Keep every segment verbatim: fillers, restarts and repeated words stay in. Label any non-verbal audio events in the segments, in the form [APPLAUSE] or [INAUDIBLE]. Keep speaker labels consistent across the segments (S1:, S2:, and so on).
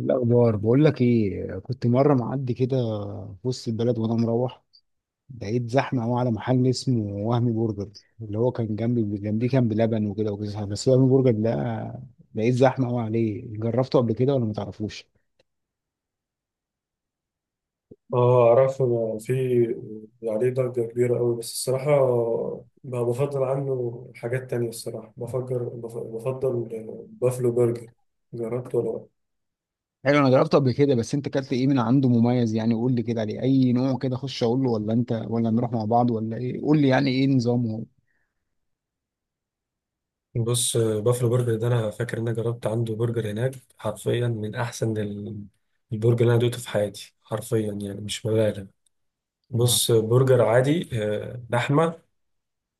S1: الأخبار بقول لك إيه، كنت مرة معدي كده في وسط البلد وأنا مروح، لقيت زحمة أوي على محل اسمه وهمي برجر، اللي هو كان جنبي جنبيه كان بلبن وكده وكده، بس وهمي برجر ده لقيت زحمة أوي عليه. جربته قبل كده ولا ما تعرفوش؟
S2: اه، اعرفه. أنا في عليه ضجة كبيرة قوي، بس الصراحة ما بفضل عنه. حاجات تانية الصراحة بفجر بف- بفضل بافلو برجر. جربته ولا لأ؟
S1: حلو، أنا جربته قبل كده، بس أنت أكلت إيه من عنده مميز؟ يعني قول لي كده عليه أي نوع كده أخش أقول له، ولا أنت ولا نروح مع بعض ولا إيه؟ قول لي يعني إيه نظامه؟
S2: بص آه، بافلو برجر ده انا فاكر ان انا جربت عنده برجر هناك، حرفيا من احسن ال- البرجر اللي انا دوقته في حياتي، حرفيا يعني مش ببالغ.
S1: آه.
S2: بص آه، برجر عادي، آه، لحمه،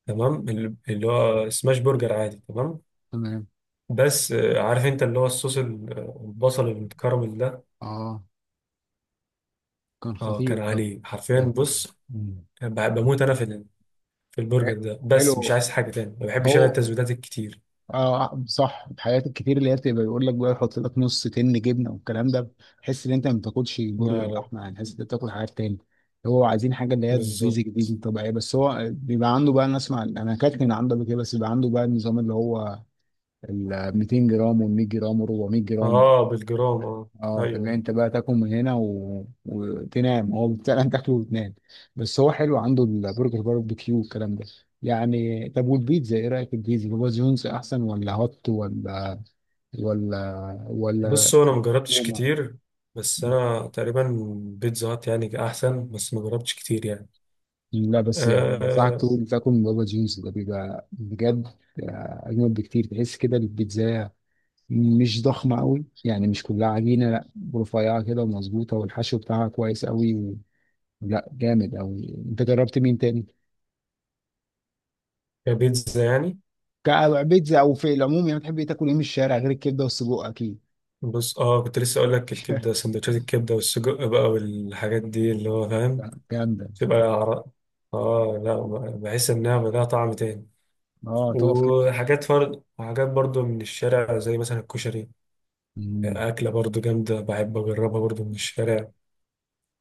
S2: تمام، ال- اللي هو سماش برجر عادي، تمام.
S1: تمام.
S2: بس آه، عارف انت اللي هو الصوص، ال- البصل المتكرمل ده.
S1: آه، كان
S2: اه كان
S1: خطير طب.
S2: عليه حرفيا. بص
S1: مم.
S2: كان ب- بموت انا في ال- في البرجر ده، بس مش
S1: حلو.
S2: عايز حاجه تاني، ما بحبش انا
S1: هو
S2: التزويدات الكتير.
S1: اه صح، الحاجات الكتير اللي هي بتبقى بيقول لك بقى، يحط لك نص تن جبنه والكلام ده، تحس ان انت ما بتاكلش
S2: لا
S1: برجر
S2: لا.
S1: لحمه، يعني تحس ان انت بتاكل حاجات تاني. هو عايزين حاجه اللي هي بيزك دي
S2: بالظبط.
S1: الطبيعيه، بس هو بيبقى عنده بقى، انا اسمع انا اكلت من عنده قبل كده، بس بيبقى عنده بقى النظام اللي هو ال مئتين جرام وال مية جرام و أربعمية جرام.
S2: اه، بالجرام، اه.
S1: اه، فاللي
S2: ايوه.
S1: انت بقى تاكل من هنا و... وتنام، هو فعلا تاكله وتنام. بس هو حلو عنده البرجر باربيكيو والكلام ده. يعني طب والبيتزا، ايه رايك في البيتزا؟ بابا جونز احسن ولا هوت ولا ولا ولا
S2: بص هو انا مجربتش
S1: روما؟
S2: كتير، بس انا تقريبا بيتزا هات يعني احسن، بس مجربتش كتير يعني.
S1: لا بس يعني انصحك
S2: آه،
S1: تقول تاكل من بابا جونز ده، بيبقى بجد اجمل بكتير. تحس كده البيتزا مش ضخمه قوي، يعني مش كلها عجينه، لا، رفيعه كده ومظبوطه، والحشو بتاعها كويس قوي. لا جامد قوي. انت جربت مين تاني؟
S2: كبيتزا يعني.
S1: ك- بيتزا او في العموم يعني، بتحب إيه تاكل ايه من الشارع غير الكبده والسجق اكيد؟
S2: بص اه، كنت لسه اقول لك الكبده،
S1: [LAUGHS]
S2: سندوتشات الكبده والسجق بقى والحاجات دي اللي هو فاهم.
S1: لا جامده.
S2: تبقى عر- اه لا، بحس انها لها طعم تاني.
S1: اه، تقف كده.
S2: وحاجات فرد، وحاجات برضو من الشارع، زي مثلا الكشري.
S1: مم.
S2: أكلة برضو جامدة، بحب أجربها برضو من الشارع.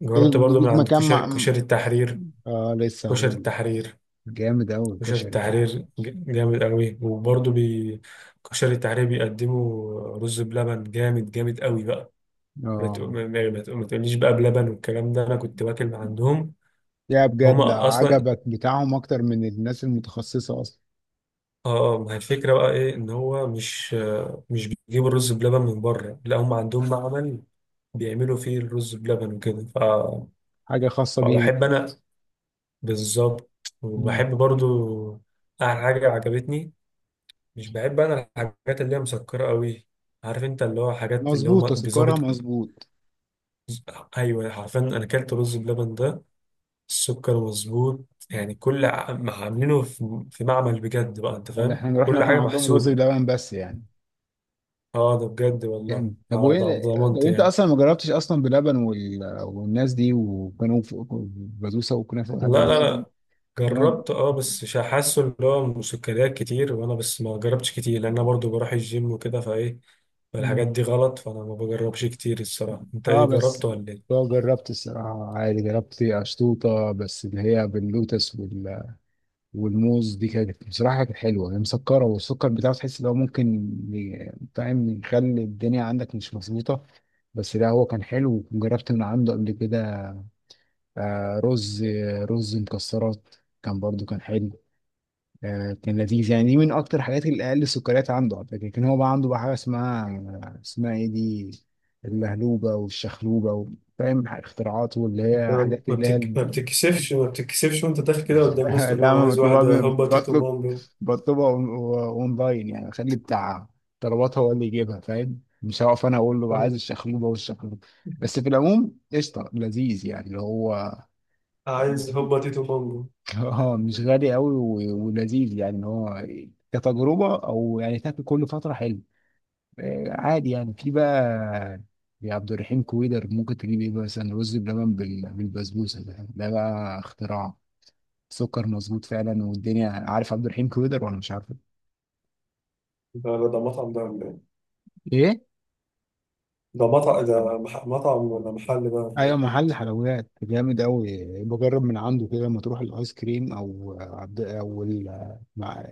S2: جربت
S1: طيب،
S2: برضو من
S1: ليك
S2: عند
S1: مكان
S2: كشري
S1: مع،
S2: كشري التحرير.
S1: آه لسه
S2: كشري
S1: هقول لك.
S2: التحرير.
S1: جامد قوي
S2: كشري
S1: الكشري
S2: التحرير.
S1: بتاعها.
S2: ج- جامد قوي، وبرضو بي كشري التحرير بيقدموا رز بلبن جامد جامد قوي بقى. ما تق-
S1: اه،
S2: ما- ما- ما تق- ما تقوليش بقى بلبن والكلام ده، أنا كنت باكل من عندهم.
S1: لا بجد
S2: هما أصلا
S1: عجبك بتاعهم اكتر من الناس المتخصصه اصلا؟
S2: اه، آه، ما هي الفكرة بقى ايه، ان هو مش آه، مش بيجيبوا الرز بلبن من بره، لا هم عندهم معمل بيعملوا فيه الرز بلبن وكده، ف-
S1: حاجه خاصه بيهم.
S2: فبحب انا. بالظبط.
S1: مم.
S2: وبحب برضو اعمل حاجه عجبتني. مش بحب انا الحاجات اللي هي مسكره قوي. عارف انت اللي هو حاجات اللي هو ما-
S1: مظبوط، سكرها
S2: بيظبط.
S1: مظبوط.
S2: ايوه، حرفيا انا اكلت رز بلبن ده، السكر مظبوط يعني. كل ع- ما عاملينه في في معمل بجد بقى، انت
S1: يعني
S2: فاهم،
S1: احنا رحنا
S2: كل
S1: ناكل
S2: حاجه
S1: عندهم رز
S2: محسوبه.
S1: بلبن بس يعني.
S2: اه ده بجد، والله
S1: جامد. طب
S2: على ده على
S1: وايه، طب
S2: ضمانتي
S1: انت
S2: يعني.
S1: اصلا ما جربتش اصلا بلبن وال... والناس دي، وكانوا في بسبوسه وكنافه والحاجات
S2: لا
S1: دي
S2: لا
S1: أنا
S2: لا.
S1: ب-
S2: جربت اه بس مش حاسه اللي هو مسكريات كتير، وانا بس ما جربتش كتير، لان انا برضو بروح الجيم وكده فايه، فالحاجات
S1: مم.
S2: دي غلط، فانا ما بجربش كتير الصراحه. انت
S1: اه
S2: ايه،
S1: بس،
S2: جربت ولا ايه؟
S1: اه جربت الصراحه عادي، جربت اشطوطه بس اللي هي باللوتس والموز دي، كانت بصراحة كانت حلوة. هي مسكرة والسكر بتاعه تحس إن هو ممكن ي- فاهم، يخلي الدنيا عندك مش مظبوطة، بس لا هو كان حلو. وجربت من عنده قبل كده آه، رز، رز مكسرات، كان برضو كان حلو. آه، كان لذيذ يعني. دي من أكتر الحاجات اللي أقل السكريات عنده على فكرة. كان هو بقى عنده بقى حاجة اسمها اسمها إيه دي، اللهلوبة والشخلوبة، فاهم، اختراعات، واللي
S2: انت
S1: هي حاجات
S2: ما
S1: اللي هي.
S2: بتك... ما بتكسفش ما بتكسفش وانت داخل كده قدام الناس
S1: [LAUGHS]
S2: تقول له
S1: لا
S2: انا
S1: ما
S2: عايز واحده
S1: بطلبها،
S2: هوبا تيتو
S1: بطلب،
S2: مامبو.
S1: بطلبها أون- اونلاين يعني، اخلي بتاع طلبات هو اللي يجيبها، فاهم، مش هقف انا اقول له عايز الشخلوبه والشخلوبه. بس في العموم قشطه لذيذ يعني اللي هو
S2: عايز هوبا تيتو مامبو.
S1: [LAUGHS] اه مش غالي قوي و- ولذيذ يعني، ان هو كتجربه او يعني تاكل كل فتره حلو. آه، عادي يعني في بقى، يا عبد الرحيم كويدر ممكن تجيب ايه، مثلا رز بلبن بال- بالبسبوسه، ده ده بقى اختراع. سكر مظبوط فعلا، والدنيا. عارف عبد الرحيم كويدر ولا مش عارفه؟
S2: ده ده ده مطعم، ده ولا ايه؟
S1: ايه.
S2: ده مطعم، ده مح... مطعم ولا محل بقى ولا
S1: ايوه،
S2: ايه؟
S1: محل حلويات جامد قوي، بجرب من عنده كده، لما تروح الايس كريم او عبد او ال- مع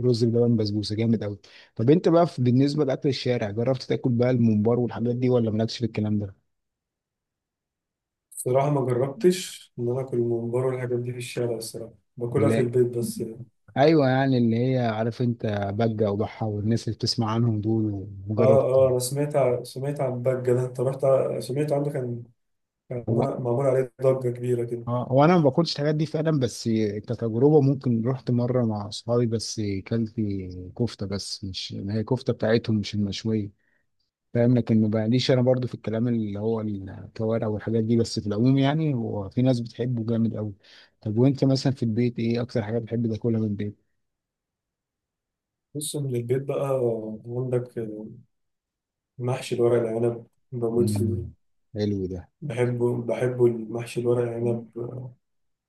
S1: رز بلبن بسبوسه، جامد قوي. طب انت بقى في- بالنسبه لاكل الشارع، جربت تاكل بقى الممبار والحاجات دي، ولا مالكش في الكلام ده؟
S2: الصراحه ما جربتش ان انا اكل ممبار والحاجات دي في الشارع، الصراحه باكلها في
S1: لا،
S2: البيت بس يعني.
S1: ايوه يعني اللي هي، عارف انت، بجه وضحى والناس اللي بتسمع عنهم دول،
S2: اه،
S1: وجربت.
S2: اه، انا سمعت ع- سمعت عن ضجة ده، انت رحت ع- سمعت عنه، كان كان معمول معمول عليه ضجة كبيرة كده.
S1: اه هو انا ما باكلش الحاجات دي فعلا، بس كتجربه ممكن رحت مره مع اصحابي، بس كلت كفته بس، مش، ما هي كفته بتاعتهم مش المشويه فاهم، لكن ما بقاليش انا برضو في الكلام اللي هو الكوارع والحاجات دي. بس في العموم يعني هو في ناس بتحبه جامد قوي. طب وانت مثلا في البيت، ايه اكتر حاجه بتحب تاكلها من البيت؟
S2: بص من البيت بقى، عندك محشي الورق العنب، بموت
S1: امم
S2: فيه.
S1: حلو ده.
S2: بحبه بحبه المحشي الورق العنب.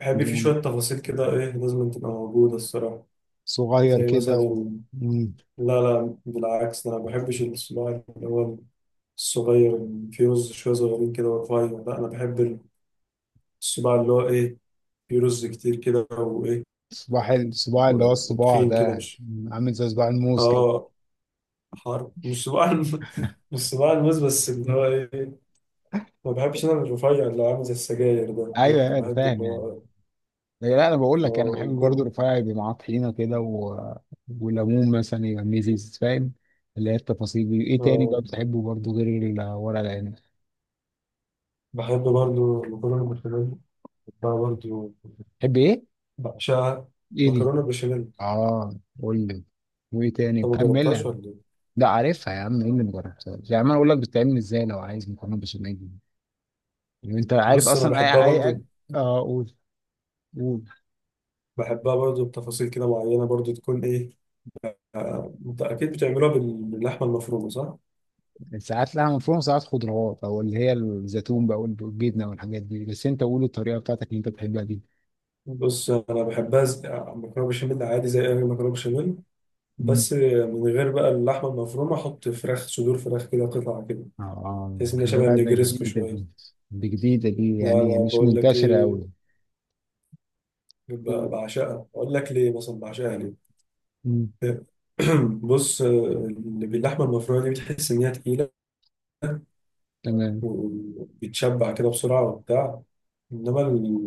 S2: بحب فيه
S1: جامد،
S2: شوية تفاصيل كده، ايه لازم تبقى موجودة الصراحة.
S1: صغير
S2: زي
S1: كده و
S2: مثلا،
S1: مم.
S2: لا لا، بالعكس ده انا ما بحبش الصباع اللي هو الصغير، اللي فيه رز شوية صغيرين كده ورفيع. لا انا بحب الصباع اللي هو ايه، فيه رز كتير كده، وايه،
S1: صباع الصباع اللي هو الصباع
S2: وتخين
S1: ده
S2: كده،
S1: يعني.
S2: مش
S1: مم. عامل زي صباع الموز كده.
S2: اه، حرب، مش صباع الم- [LAUGHS] مش صباع الموز، بس اللي هو ايه، ما بحبش انا الرفيع اللي عامل زي السجاير ده. لا
S1: ايوه ايوه
S2: بحب
S1: فاهم
S2: اللي
S1: يعني.
S2: هو
S1: لا لا، انا بقول لك انا بحب
S2: اه
S1: برضه
S2: يكون
S1: رفاعي، يبقى معاه طحينه كده و... وليمون مثلا، يبقى ميزيز فاهم، اللي هي التفاصيل دي. ايه تاني بقى
S2: اه
S1: بتحبه برضه غير الورق العنب؟
S2: بحب برضو المكرونه بالبشاميل، بحبها برضو،
S1: تحب ايه؟
S2: بعشقها.
S1: ايه دي؟
S2: مكرونه بالبشاميل.
S1: اه قول لي. وايه تاني،
S2: انت ما جربتهاش
S1: كملها.
S2: ولا ايه؟
S1: لا عارفها يا عم، ايه اللي مجربتهاش يا عم؟ انا اقول لك بتتعمل ازاي، لو عايز مكرونه بشاميل دي. يعني انت عارف
S2: بص انا
S1: اصلا،
S2: بحبها
S1: اي اي أك-
S2: برضو،
S1: اه قول، قول.
S2: بحبها برضو بتفاصيل كده معينه برضو، تكون ايه، آه، انت اكيد بتعملوها بال- باللحمه المفرومه، صح؟
S1: ساعات لها مفروم، ساعات خضروات، او اللي هي الزيتون بقى والجبنه والحاجات دي، بس انت قول الطريقه بتاعتك اللي انت بتحبها
S2: بص انا بحبها ز- مكرونه بشاميل عادي، زي اي مكرونه بشاميل،
S1: دي.
S2: بس من غير بقى اللحمة المفرومة، أحط فراخ، صدور فراخ كده، قطع كده،
S1: اه
S2: بحيث إنها
S1: ده
S2: شبه
S1: لا، ده
S2: النجرسكو
S1: جديدة دي،
S2: شوية.
S1: دي جديدة دي،
S2: لا
S1: يعني
S2: لا.
S1: مش
S2: بقول لك
S1: منتشرة أوي.
S2: إيه، ب-
S1: مم.
S2: بعشقها. أقول لك ليه مثلا، بعشقها ليه.
S1: مم.
S2: [CLEARS THROAT] بص، اللي باللحمة المفرومة دي بتحس إنها تقيلة،
S1: تمام.
S2: وبتشبع كده بسرعة وبتاع، إنما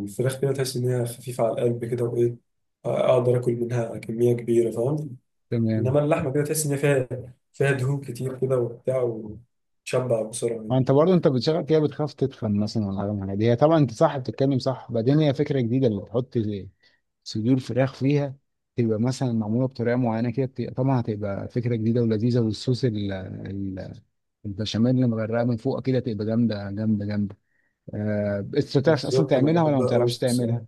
S2: الفراخ كده تحس إنها خفيفة على القلب كده، وإيه، أقدر آكل منها كمية كبيرة، فاهم. إنما
S1: تمام.
S2: اللحمة كده تحس إن هي فيها، فيها دهون كتير كده وبتاع، وتشبع بسرعة.
S1: وانت برضه انت بتشغل فيها بتخاف تدخن مثلا ولا حاجه من الحاجات دي هي طبعا انت صح بتتكلم صح بعدين هي فكره جديده اللي تحط صدور فراخ فيها تبقى مثلا معموله بطريقه معينه كده بتبقى- طبعا هتبقى فكره جديده ولذيذه والصوص ال- ال- البشاميل اللي مغرقه من فوق كده تبقى جامده جامده جامده آه، انت بتعرف اصلا
S2: بالظبط، انا
S1: تعملها ولا ما
S2: بحبها قوي
S1: بتعرفش
S2: الصراحه.
S1: تعملها؟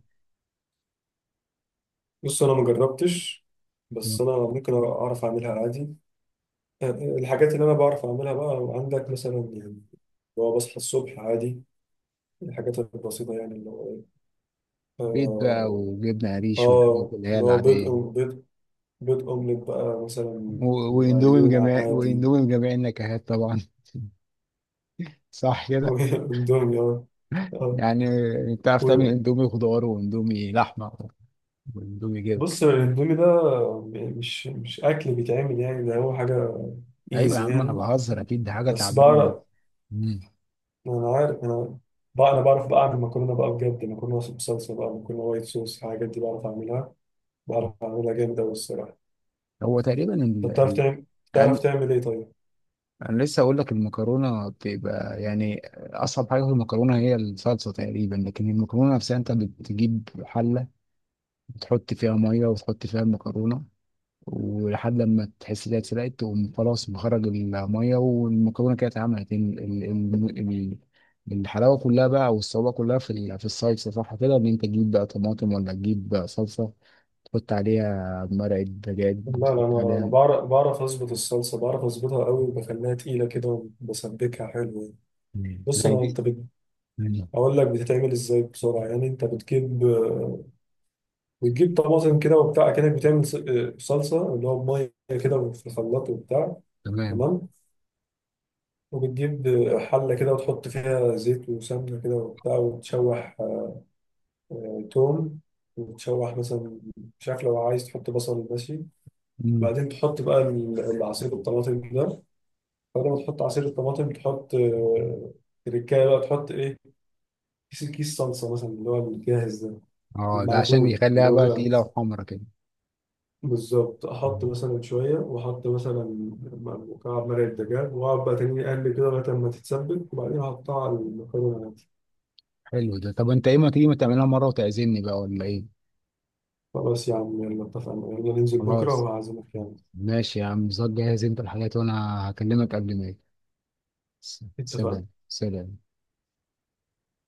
S2: بص انا ما جربتش، بس انا ممكن اعرف اعملها عادي. الحاجات اللي انا بعرف اعملها بقى عندك مثلا، يعني لو بصحى الصبح عادي، الحاجات البسيطه، يعني اللي هو إيه،
S1: بيض بقى
S2: اه
S1: وجبنة قريش والحاجات
S2: آه،
S1: اللي هي
S2: اللي هو بيض،
S1: العادية دي.
S2: أو- بيض بيض اومليت بقى مثلا،
S1: و- واندومي
S2: وعيون
S1: بجميع
S2: عادي.
S1: واندومي بجميع النكهات طبعا [LAUGHS] صح كده
S2: [LAUGHS] اندومي، اه آه.
S1: يعني بتعرف تعمل
S2: و-
S1: اندومي خضار واندومي لحمة واندومي جبن
S2: بص الاندومي ده مش مش اكل بيتعمل يعني، ده هو حاجه
S1: ايوه يا
S2: ايزي
S1: عم انا
S2: يعني.
S1: بهزر اكيد دي حاجة
S2: بس
S1: تعبانة
S2: بعرف،
S1: مم.
S2: انا عارف انا بقى. انا بعرف بقى اعمل مكرونه بقى بجد، مكرونه بصلصه بقى، مكرونه وايت صوص، الحاجات دي بعرف اعملها، بعرف اعملها جامده قوي الصراحه.
S1: هو تقريبا
S2: طب
S1: ال...
S2: بتعرف
S1: ال...
S2: تعمل بتعرف
S1: ال...
S2: تعمل ايه طيب؟
S1: انا لسه اقول لك المكرونة بتبقى يعني اصعب حاجة في المكرونة هي الصلصة تقريبا لكن المكرونة نفسها انت بتجيب حلة بتحط فيها مية وتحط فيها المكرونة ولحد لما تحس إنها اتسلقت تقوم خلاص مخرج المية والمكرونة كده اتعملت ال- ال- ال- ال- الحلاوة كلها بقى والصعوبة كلها في ال- في الصلصة صح كده إن أنت تجيب بقى طماطم ولا تجيب بقى صلصة تحط عليها مرقة دجاج
S2: لا
S1: وتحط
S2: لا، انا انا
S1: عليها
S2: بعرف بعرف اظبط الصلصه، بعرف اظبطها قوي، وبخليها تقيله كده، وبسبكها حلو يعني.
S1: مم.
S2: بص
S1: لا
S2: انا، انت
S1: دي
S2: بت...
S1: مم.
S2: اقول لك بتتعمل ازاي بسرعه يعني. انت بتجيب بتجيب طماطم كده وبتاع كده، بتعمل ص- صلصه اللي هو بميه كده في الخلاط وبتاع،
S1: تمام
S2: تمام. وبتجيب حلة كده، وتحط فيها زيت وسمنة كده وبتاع، وتشوح توم وتشوح مثلا، مش عارف، لو عايز تحط بصل ماشي.
S1: مم.
S2: بعدين تحط بقى ال- العصير الطماطم ده. بعد ما تحط عصير الطماطم، تحط آه، تركاية بقى، تحط ايه، كيس كيس صلصة مثلا اللي هو الجاهز ده،
S1: اه ده عشان
S2: المعجون اللي
S1: يخليها
S2: هو
S1: بقى
S2: بقى.
S1: تقيلة وحمرا كده.
S2: بالظبط، أحط
S1: مم.
S2: مثلا شوية، وأحط مثلا مكعب مرق الدجاج، وأقعد بقى تاني أقلب كده لغاية ما تتسبك، وبعدين أحطها على المكرونة.
S1: حلو ده. طب انت ايه، ما تيجي ما تعملها مرة وتعزمني بقى ولا ايه؟
S2: خلاص يا عم، يلا اتفقنا، يلا ننزل بكرة
S1: خلاص
S2: وهعزمك يعني.
S1: ماشي يا عم، ظبط جاهز انت الحاجات، وانا هكلمك قبل ما اجي. س- سلام
S2: اتفقنا.
S1: سلام.